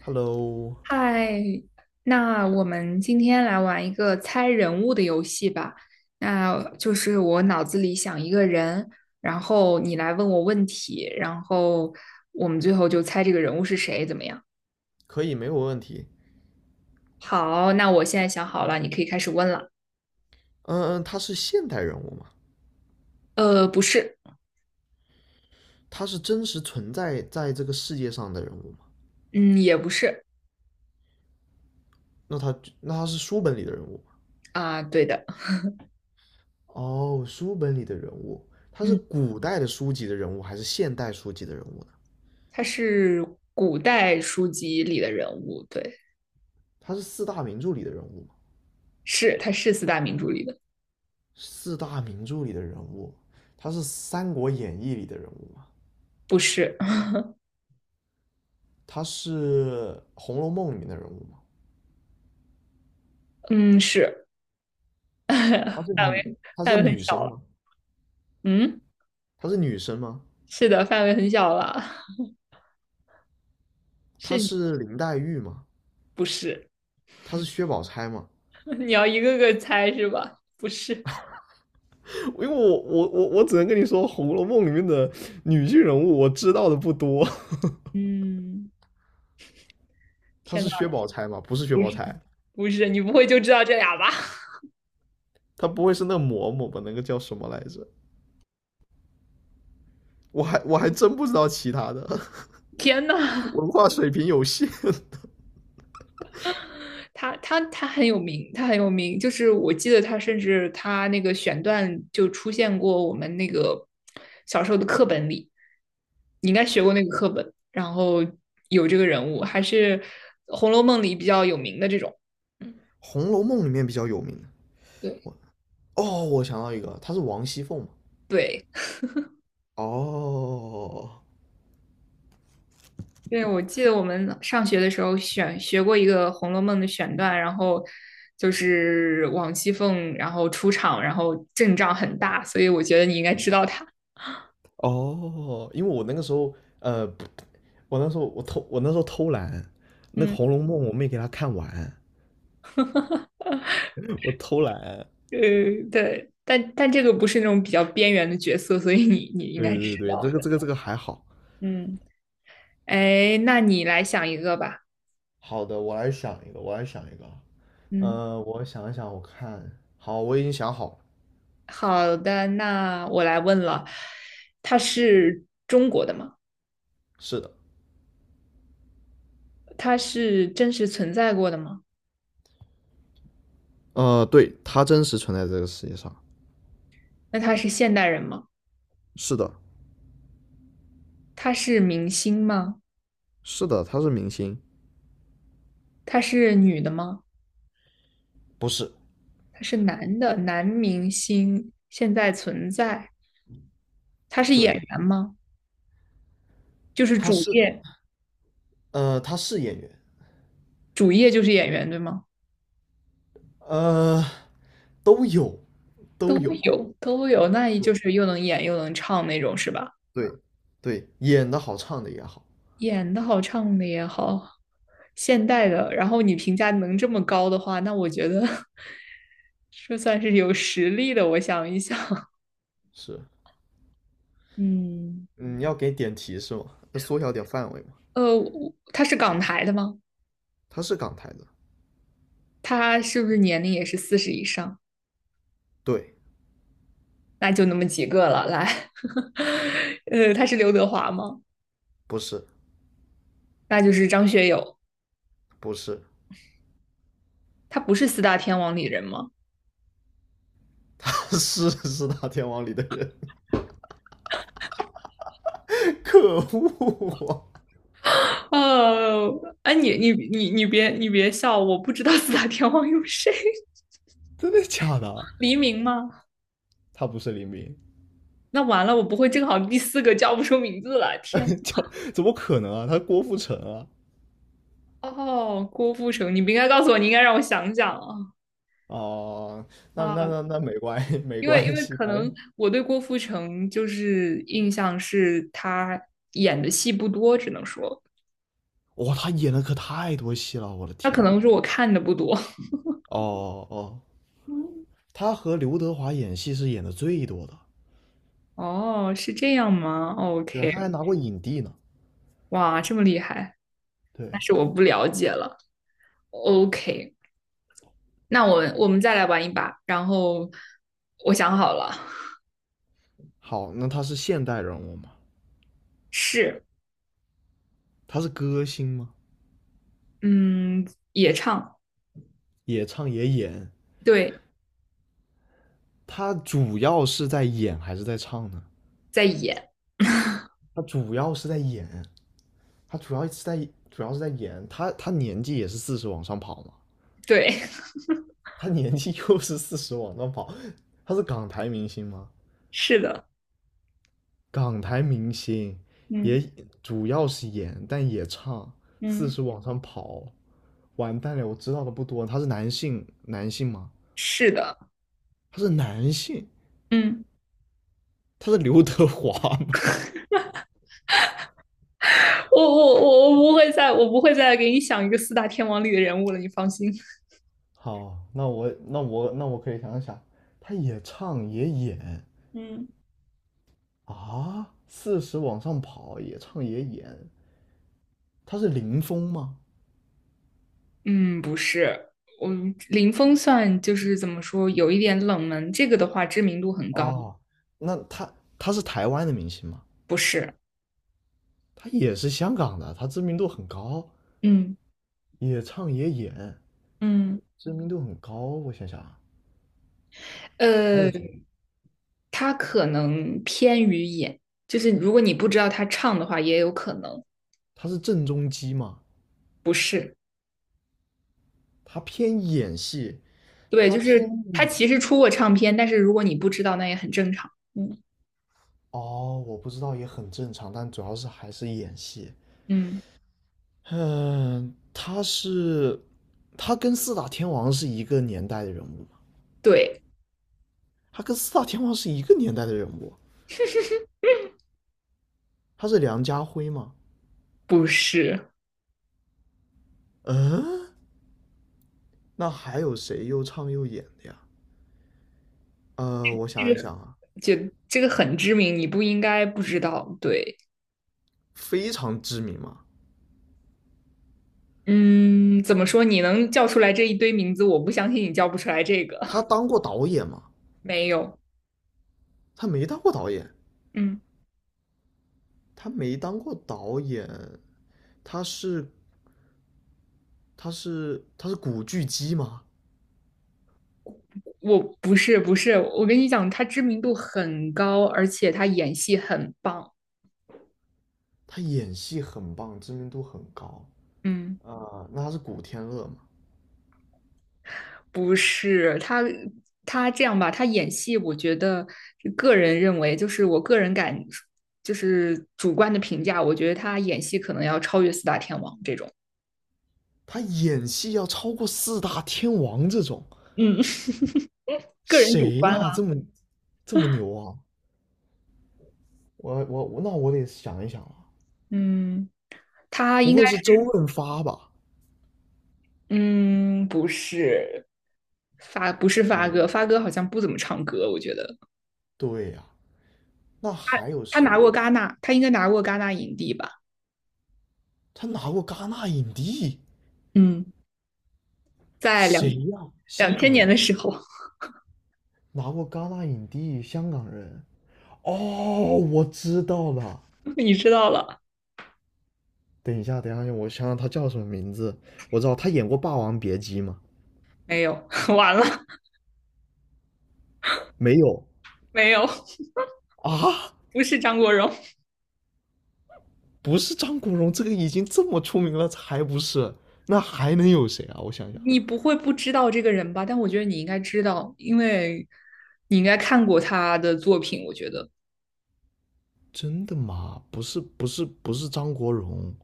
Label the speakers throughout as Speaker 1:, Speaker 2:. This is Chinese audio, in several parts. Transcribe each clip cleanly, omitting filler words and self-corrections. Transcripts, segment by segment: Speaker 1: Hello，
Speaker 2: 嗨，那我们今天来玩一个猜人物的游戏吧。那就是我脑子里想一个人，然后你来问我问题，然后我们最后就猜这个人物是谁，怎么样？
Speaker 1: 可以，没有问题。
Speaker 2: 好，那我现在想好了，你可以开始问了。
Speaker 1: 嗯，他是现代人物吗？
Speaker 2: 不是。
Speaker 1: 他是真实存在在这个世界上的人物吗？
Speaker 2: 嗯，也不是。
Speaker 1: 那他是书本里的人物吗？
Speaker 2: 啊，对的。
Speaker 1: 哦，书本里的人物，他是
Speaker 2: 嗯，
Speaker 1: 古代的书籍的人物还是现代书籍的人物呢？
Speaker 2: 他是古代书籍里的人物，对。
Speaker 1: 他是四大名著里的人物吗？
Speaker 2: 是，他是四大名著里的。
Speaker 1: 四大名著里的人物，他是《三国演义》里的人物吗？
Speaker 2: 不是。
Speaker 1: 他是《红楼梦》里面的人物吗？
Speaker 2: 嗯，是。
Speaker 1: 她是 女，她
Speaker 2: 范
Speaker 1: 是
Speaker 2: 围很
Speaker 1: 女
Speaker 2: 小
Speaker 1: 生
Speaker 2: 了。
Speaker 1: 吗？
Speaker 2: 嗯。
Speaker 1: 她是女生吗？
Speaker 2: 是的，范围很小了。
Speaker 1: 她
Speaker 2: 是你
Speaker 1: 是林黛玉吗？
Speaker 2: 不是？
Speaker 1: 她是薛宝钗嘛？
Speaker 2: 你要一个个猜是吧？不是。
Speaker 1: 因为我只能跟你说，《红楼梦》里面的女性人物我知道的不多。
Speaker 2: 嗯，
Speaker 1: 她
Speaker 2: 天呐，
Speaker 1: 是薛宝钗嘛？不是薛
Speaker 2: 不是
Speaker 1: 宝钗，
Speaker 2: 不是，你不会就知道这俩吧？
Speaker 1: 她不会是那嬷嬷吧？那个叫什么来着？我还真不知道其他的，
Speaker 2: 天 呐，
Speaker 1: 文化水平有限。
Speaker 2: 他很有名，他很有名，就是我记得他甚至他那个选段就出现过我们那个小时候的课本里，你应该学过那个课本，然后有这个人物，还是《红楼梦》里比较有名的这种。嗯，
Speaker 1: 《红楼梦》里面比较有名的，
Speaker 2: 对
Speaker 1: 我哦，我想到一个，她是王熙凤嘛？
Speaker 2: 对，
Speaker 1: 哦
Speaker 2: 对，我记得我们上学的时候选学过一个《红楼梦》的选段，然后就是王熙凤，然后出场，然后阵仗很大，所以我觉得你应该知道她。
Speaker 1: 哦，因为我那个时候呃，我那时候偷懒，那个
Speaker 2: 嗯
Speaker 1: 《红楼梦》我没给她看完，我偷懒。
Speaker 2: 呃，对，但这个不是那种比较边缘的角色，所以你应该
Speaker 1: 对
Speaker 2: 知
Speaker 1: 对对，这
Speaker 2: 道。
Speaker 1: 个这个这个还好。
Speaker 2: 嗯，哎，那你来想一个吧。
Speaker 1: 好的，我来想一个，我来想一个啊。
Speaker 2: 嗯，
Speaker 1: 我想一想，我看，好，我已经想好了。
Speaker 2: 好的，那我来问了，他是中国的吗？
Speaker 1: 是的，
Speaker 2: 他是真实存在过的吗？
Speaker 1: 对，他真实存在这个世界上。
Speaker 2: 那他是现代人吗？
Speaker 1: 是的，
Speaker 2: 他是明星吗？
Speaker 1: 是的，他是明星。
Speaker 2: 他是女的吗？
Speaker 1: 不是，
Speaker 2: 他是男的，男明星现在存在，他是演
Speaker 1: 对，
Speaker 2: 员吗？就是
Speaker 1: 他
Speaker 2: 主
Speaker 1: 是，
Speaker 2: 业，
Speaker 1: 他是演员，
Speaker 2: 主业就是演员，对吗？
Speaker 1: 呃，都有，
Speaker 2: 都
Speaker 1: 都有，
Speaker 2: 有，都有，那也就是又能演又能唱那种，是吧？
Speaker 1: 对，对，演的好，唱的也好，
Speaker 2: 演的好，唱的也好，现代的，然后你评价能这么高的话，那我觉得 这算是有实力的。我想一想，
Speaker 1: 是。
Speaker 2: 嗯，
Speaker 1: 嗯，要给点提示吗？要缩小点范围吗？
Speaker 2: 他是港台的吗？
Speaker 1: 他是港台的。
Speaker 2: 他是不是年龄也是四十以上？
Speaker 1: 对，
Speaker 2: 那就那么几个了。来，他是刘德华吗？
Speaker 1: 不是，
Speaker 2: 那就是张学友。
Speaker 1: 不是，
Speaker 2: 他不是四大天王里人吗？
Speaker 1: 是四大天王里的人，可恶啊！
Speaker 2: 哦，哎，你别笑，我不知道四大天王有谁。
Speaker 1: 真的假的啊？
Speaker 2: 黎明吗？
Speaker 1: 他不是林斌，
Speaker 2: 那完了，我不会正好第四个叫不出名字了。天，
Speaker 1: 叫 怎么可能啊？他是郭富城啊！
Speaker 2: 哦，郭富城，你不应该告诉我，你应该让我想想啊
Speaker 1: 哦，那
Speaker 2: 啊，
Speaker 1: 那那那没关系，没
Speaker 2: 因为因
Speaker 1: 关
Speaker 2: 为
Speaker 1: 系，
Speaker 2: 可
Speaker 1: 反正
Speaker 2: 能我对郭富城就是印象是他演的戏不多，只能说
Speaker 1: 哇、他演的可太多戏了，我的
Speaker 2: 他
Speaker 1: 天
Speaker 2: 可
Speaker 1: 呐！
Speaker 2: 能是我看的不多。
Speaker 1: 哦哦，他和刘德华演戏是演的最多的，
Speaker 2: 哦，是这样吗
Speaker 1: 对啊，
Speaker 2: ？OK。
Speaker 1: 他还拿过影帝呢。
Speaker 2: 哇，这么厉害，那
Speaker 1: 对，
Speaker 2: 是我不了解了。OK，那我们再来玩一把。然后我想好了。
Speaker 1: 好，那他是现代人物吗？
Speaker 2: 是。
Speaker 1: 他是歌星吗？
Speaker 2: 嗯，也唱。
Speaker 1: 也唱也演，
Speaker 2: 对，
Speaker 1: 他主要是在演还是在唱呢？
Speaker 2: 在演。
Speaker 1: 他主要是在演，他主要是在演，他他年纪也是四十往上跑嘛，
Speaker 2: 对，
Speaker 1: 他年纪 又是四十往上跑，他是港台明星吗？
Speaker 2: 是的。
Speaker 1: 港台明星
Speaker 2: 嗯
Speaker 1: 也主要是演，但也唱，四
Speaker 2: 嗯，
Speaker 1: 十往上跑，完蛋了，我知道的不多，他是男性吗？
Speaker 2: 是的。
Speaker 1: 他是男性，
Speaker 2: 嗯，
Speaker 1: 他是刘德华吗？
Speaker 2: 我我我我不会再我不会再给你想一个四大天王里的人物了，你放心。
Speaker 1: 好，那我可以想想，他也唱也演，
Speaker 2: 嗯
Speaker 1: 啊，四十往上跑，也唱也演，他是林峰吗？
Speaker 2: 嗯，不是。嗯，林峰算就是怎么说，有一点冷门。这个的话，知名度很高。
Speaker 1: 哦，那他他是台湾的明星吗？
Speaker 2: 不是。
Speaker 1: 他也是香港的，他知名度很高，
Speaker 2: 嗯
Speaker 1: 也唱也演，
Speaker 2: 嗯，
Speaker 1: 知名度很高。我想想啊，还
Speaker 2: 呃，
Speaker 1: 有谁？
Speaker 2: 他可能偏于演，就是如果你不知道他唱的话，也有可能
Speaker 1: 他是郑中基吗？
Speaker 2: 不是。
Speaker 1: 他偏演戏，
Speaker 2: 对，
Speaker 1: 他
Speaker 2: 就
Speaker 1: 偏
Speaker 2: 是他其实出过唱片，但是如果你不知道，那也很正常。嗯。
Speaker 1: 哦，我不知道也很正常，但主要是还是演戏。
Speaker 2: 嗯，
Speaker 1: 嗯，他跟四大天王是一个年代的人物。
Speaker 2: 对。
Speaker 1: 他跟四大天王是一个年代的人物，他是梁家辉吗？
Speaker 2: 不是，
Speaker 1: 嗯，那还有谁又唱又演的呀？呃，我想
Speaker 2: 这
Speaker 1: 一
Speaker 2: 个
Speaker 1: 想啊，
Speaker 2: 就这个很知名，你不应该不知道。对。
Speaker 1: 非常知名嘛，
Speaker 2: 嗯，怎么说？你能叫出来这一堆名字，我不相信你叫不出来这个。
Speaker 1: 他 当过导演吗？
Speaker 2: 没有。
Speaker 1: 他没当过导演，
Speaker 2: 嗯，
Speaker 1: 他没当过导演，他是他是古巨基吗？
Speaker 2: 不是不是，我跟你讲，他知名度很高，而且他演戏很棒。
Speaker 1: 他演戏很棒，知名度很高
Speaker 2: 嗯，
Speaker 1: 啊、那他是古天乐吗？
Speaker 2: 不是他。他这样吧，他演戏，我觉得个人认为，就是我个人感，就是主观的评价，我觉得他演戏可能要超越四大天王这种。
Speaker 1: 他演戏要超过四大天王这种，
Speaker 2: 嗯，个人主
Speaker 1: 谁
Speaker 2: 观
Speaker 1: 呀、
Speaker 2: 了。
Speaker 1: 这么牛啊？我那我得想一想啊，
Speaker 2: 嗯，他
Speaker 1: 不
Speaker 2: 应该，
Speaker 1: 会是周润发吧？
Speaker 2: 嗯，不是发
Speaker 1: 嗯，
Speaker 2: 哥，发哥好像不怎么唱歌，我觉得
Speaker 1: 对呀、那还有
Speaker 2: 他拿
Speaker 1: 谁？
Speaker 2: 过戛纳，他应该拿过戛纳影帝吧？
Speaker 1: 他拿过戛纳影帝，
Speaker 2: 嗯，在
Speaker 1: 谁呀、
Speaker 2: 两
Speaker 1: 香
Speaker 2: 千
Speaker 1: 港
Speaker 2: 年的
Speaker 1: 人，
Speaker 2: 时候。
Speaker 1: 拿过戛纳影帝，香港人。哦，我知道了。
Speaker 2: 你知道了
Speaker 1: 等一下，等一下，我想想他叫什么名字。我知道他演过《霸王别姬》吗？
Speaker 2: 没有？完了
Speaker 1: 没有
Speaker 2: 没有？
Speaker 1: 啊，
Speaker 2: 不是张国荣，
Speaker 1: 不是张国荣，这个已经这么出名了，才不是？那还能有谁啊？我想想，
Speaker 2: 你不会不知道这个人吧？但我觉得你应该知道，因为你应该看过他的作品。我觉得，
Speaker 1: 真的吗？不是，不是，不是张国荣。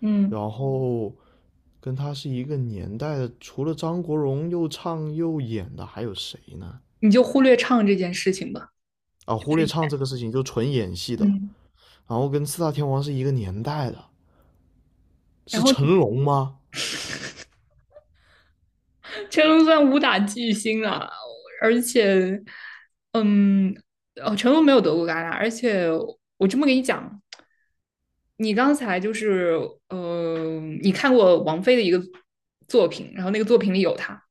Speaker 2: 嗯，
Speaker 1: 然后跟他是一个年代的，除了张国荣又唱又演的，还有谁呢？
Speaker 2: 你就忽略唱这件事情吧，
Speaker 1: 啊，
Speaker 2: 就
Speaker 1: 忽
Speaker 2: 是。
Speaker 1: 略唱这个事情，就纯演戏的。
Speaker 2: 嗯，
Speaker 1: 然后跟四大天王是一个年代的，
Speaker 2: 然
Speaker 1: 是
Speaker 2: 后
Speaker 1: 成龙吗？
Speaker 2: 成龙算武打巨星了，而且，嗯，哦，成龙没有得过戛纳，而且我这么跟你讲，你刚才就是，嗯，你看过王菲的一个作品，然后那个作品里有他。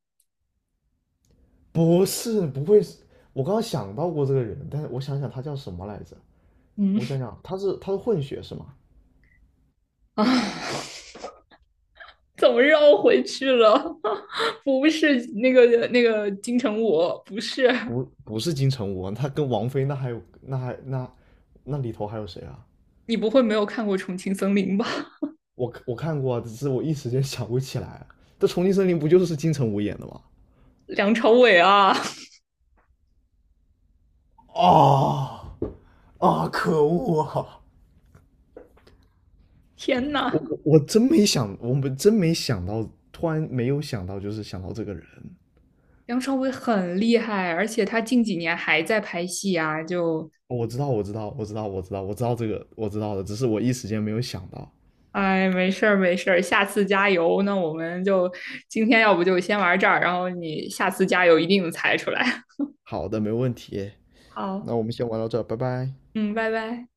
Speaker 1: 不是，不会是。我刚刚想到过这个人，但是我想想他叫什么来着？我
Speaker 2: 嗯
Speaker 1: 想想，他是混血是吗？
Speaker 2: 啊，怎么绕回去了？不是那个金城武，不是，
Speaker 1: 不，不是金城武啊，他跟王菲那里头还有谁啊？
Speaker 2: 你不会没有看过《重庆森林》吧？
Speaker 1: 我看过啊只是我一时间想不起来啊。这《重庆森林》不就是金城武演的吗？
Speaker 2: 梁朝伟啊，
Speaker 1: 哦啊，可恶啊！
Speaker 2: 天呐！
Speaker 1: 我真没想，我们真没想到，突然没有想到，就是想到这个人。
Speaker 2: 梁朝伟很厉害，而且他近几年还在拍戏啊，就，
Speaker 1: 哦我知道，我知道，我知道，我知道，我知道这个，我知道的，只是我一时间没有想到。
Speaker 2: 哎，没事儿没事儿，下次加油。那我们就今天要不就先玩这儿，然后你下次加油一定能猜出来。
Speaker 1: 好的，没问题。
Speaker 2: 好。
Speaker 1: 那我们先玩到这儿，拜拜。
Speaker 2: 嗯，拜拜。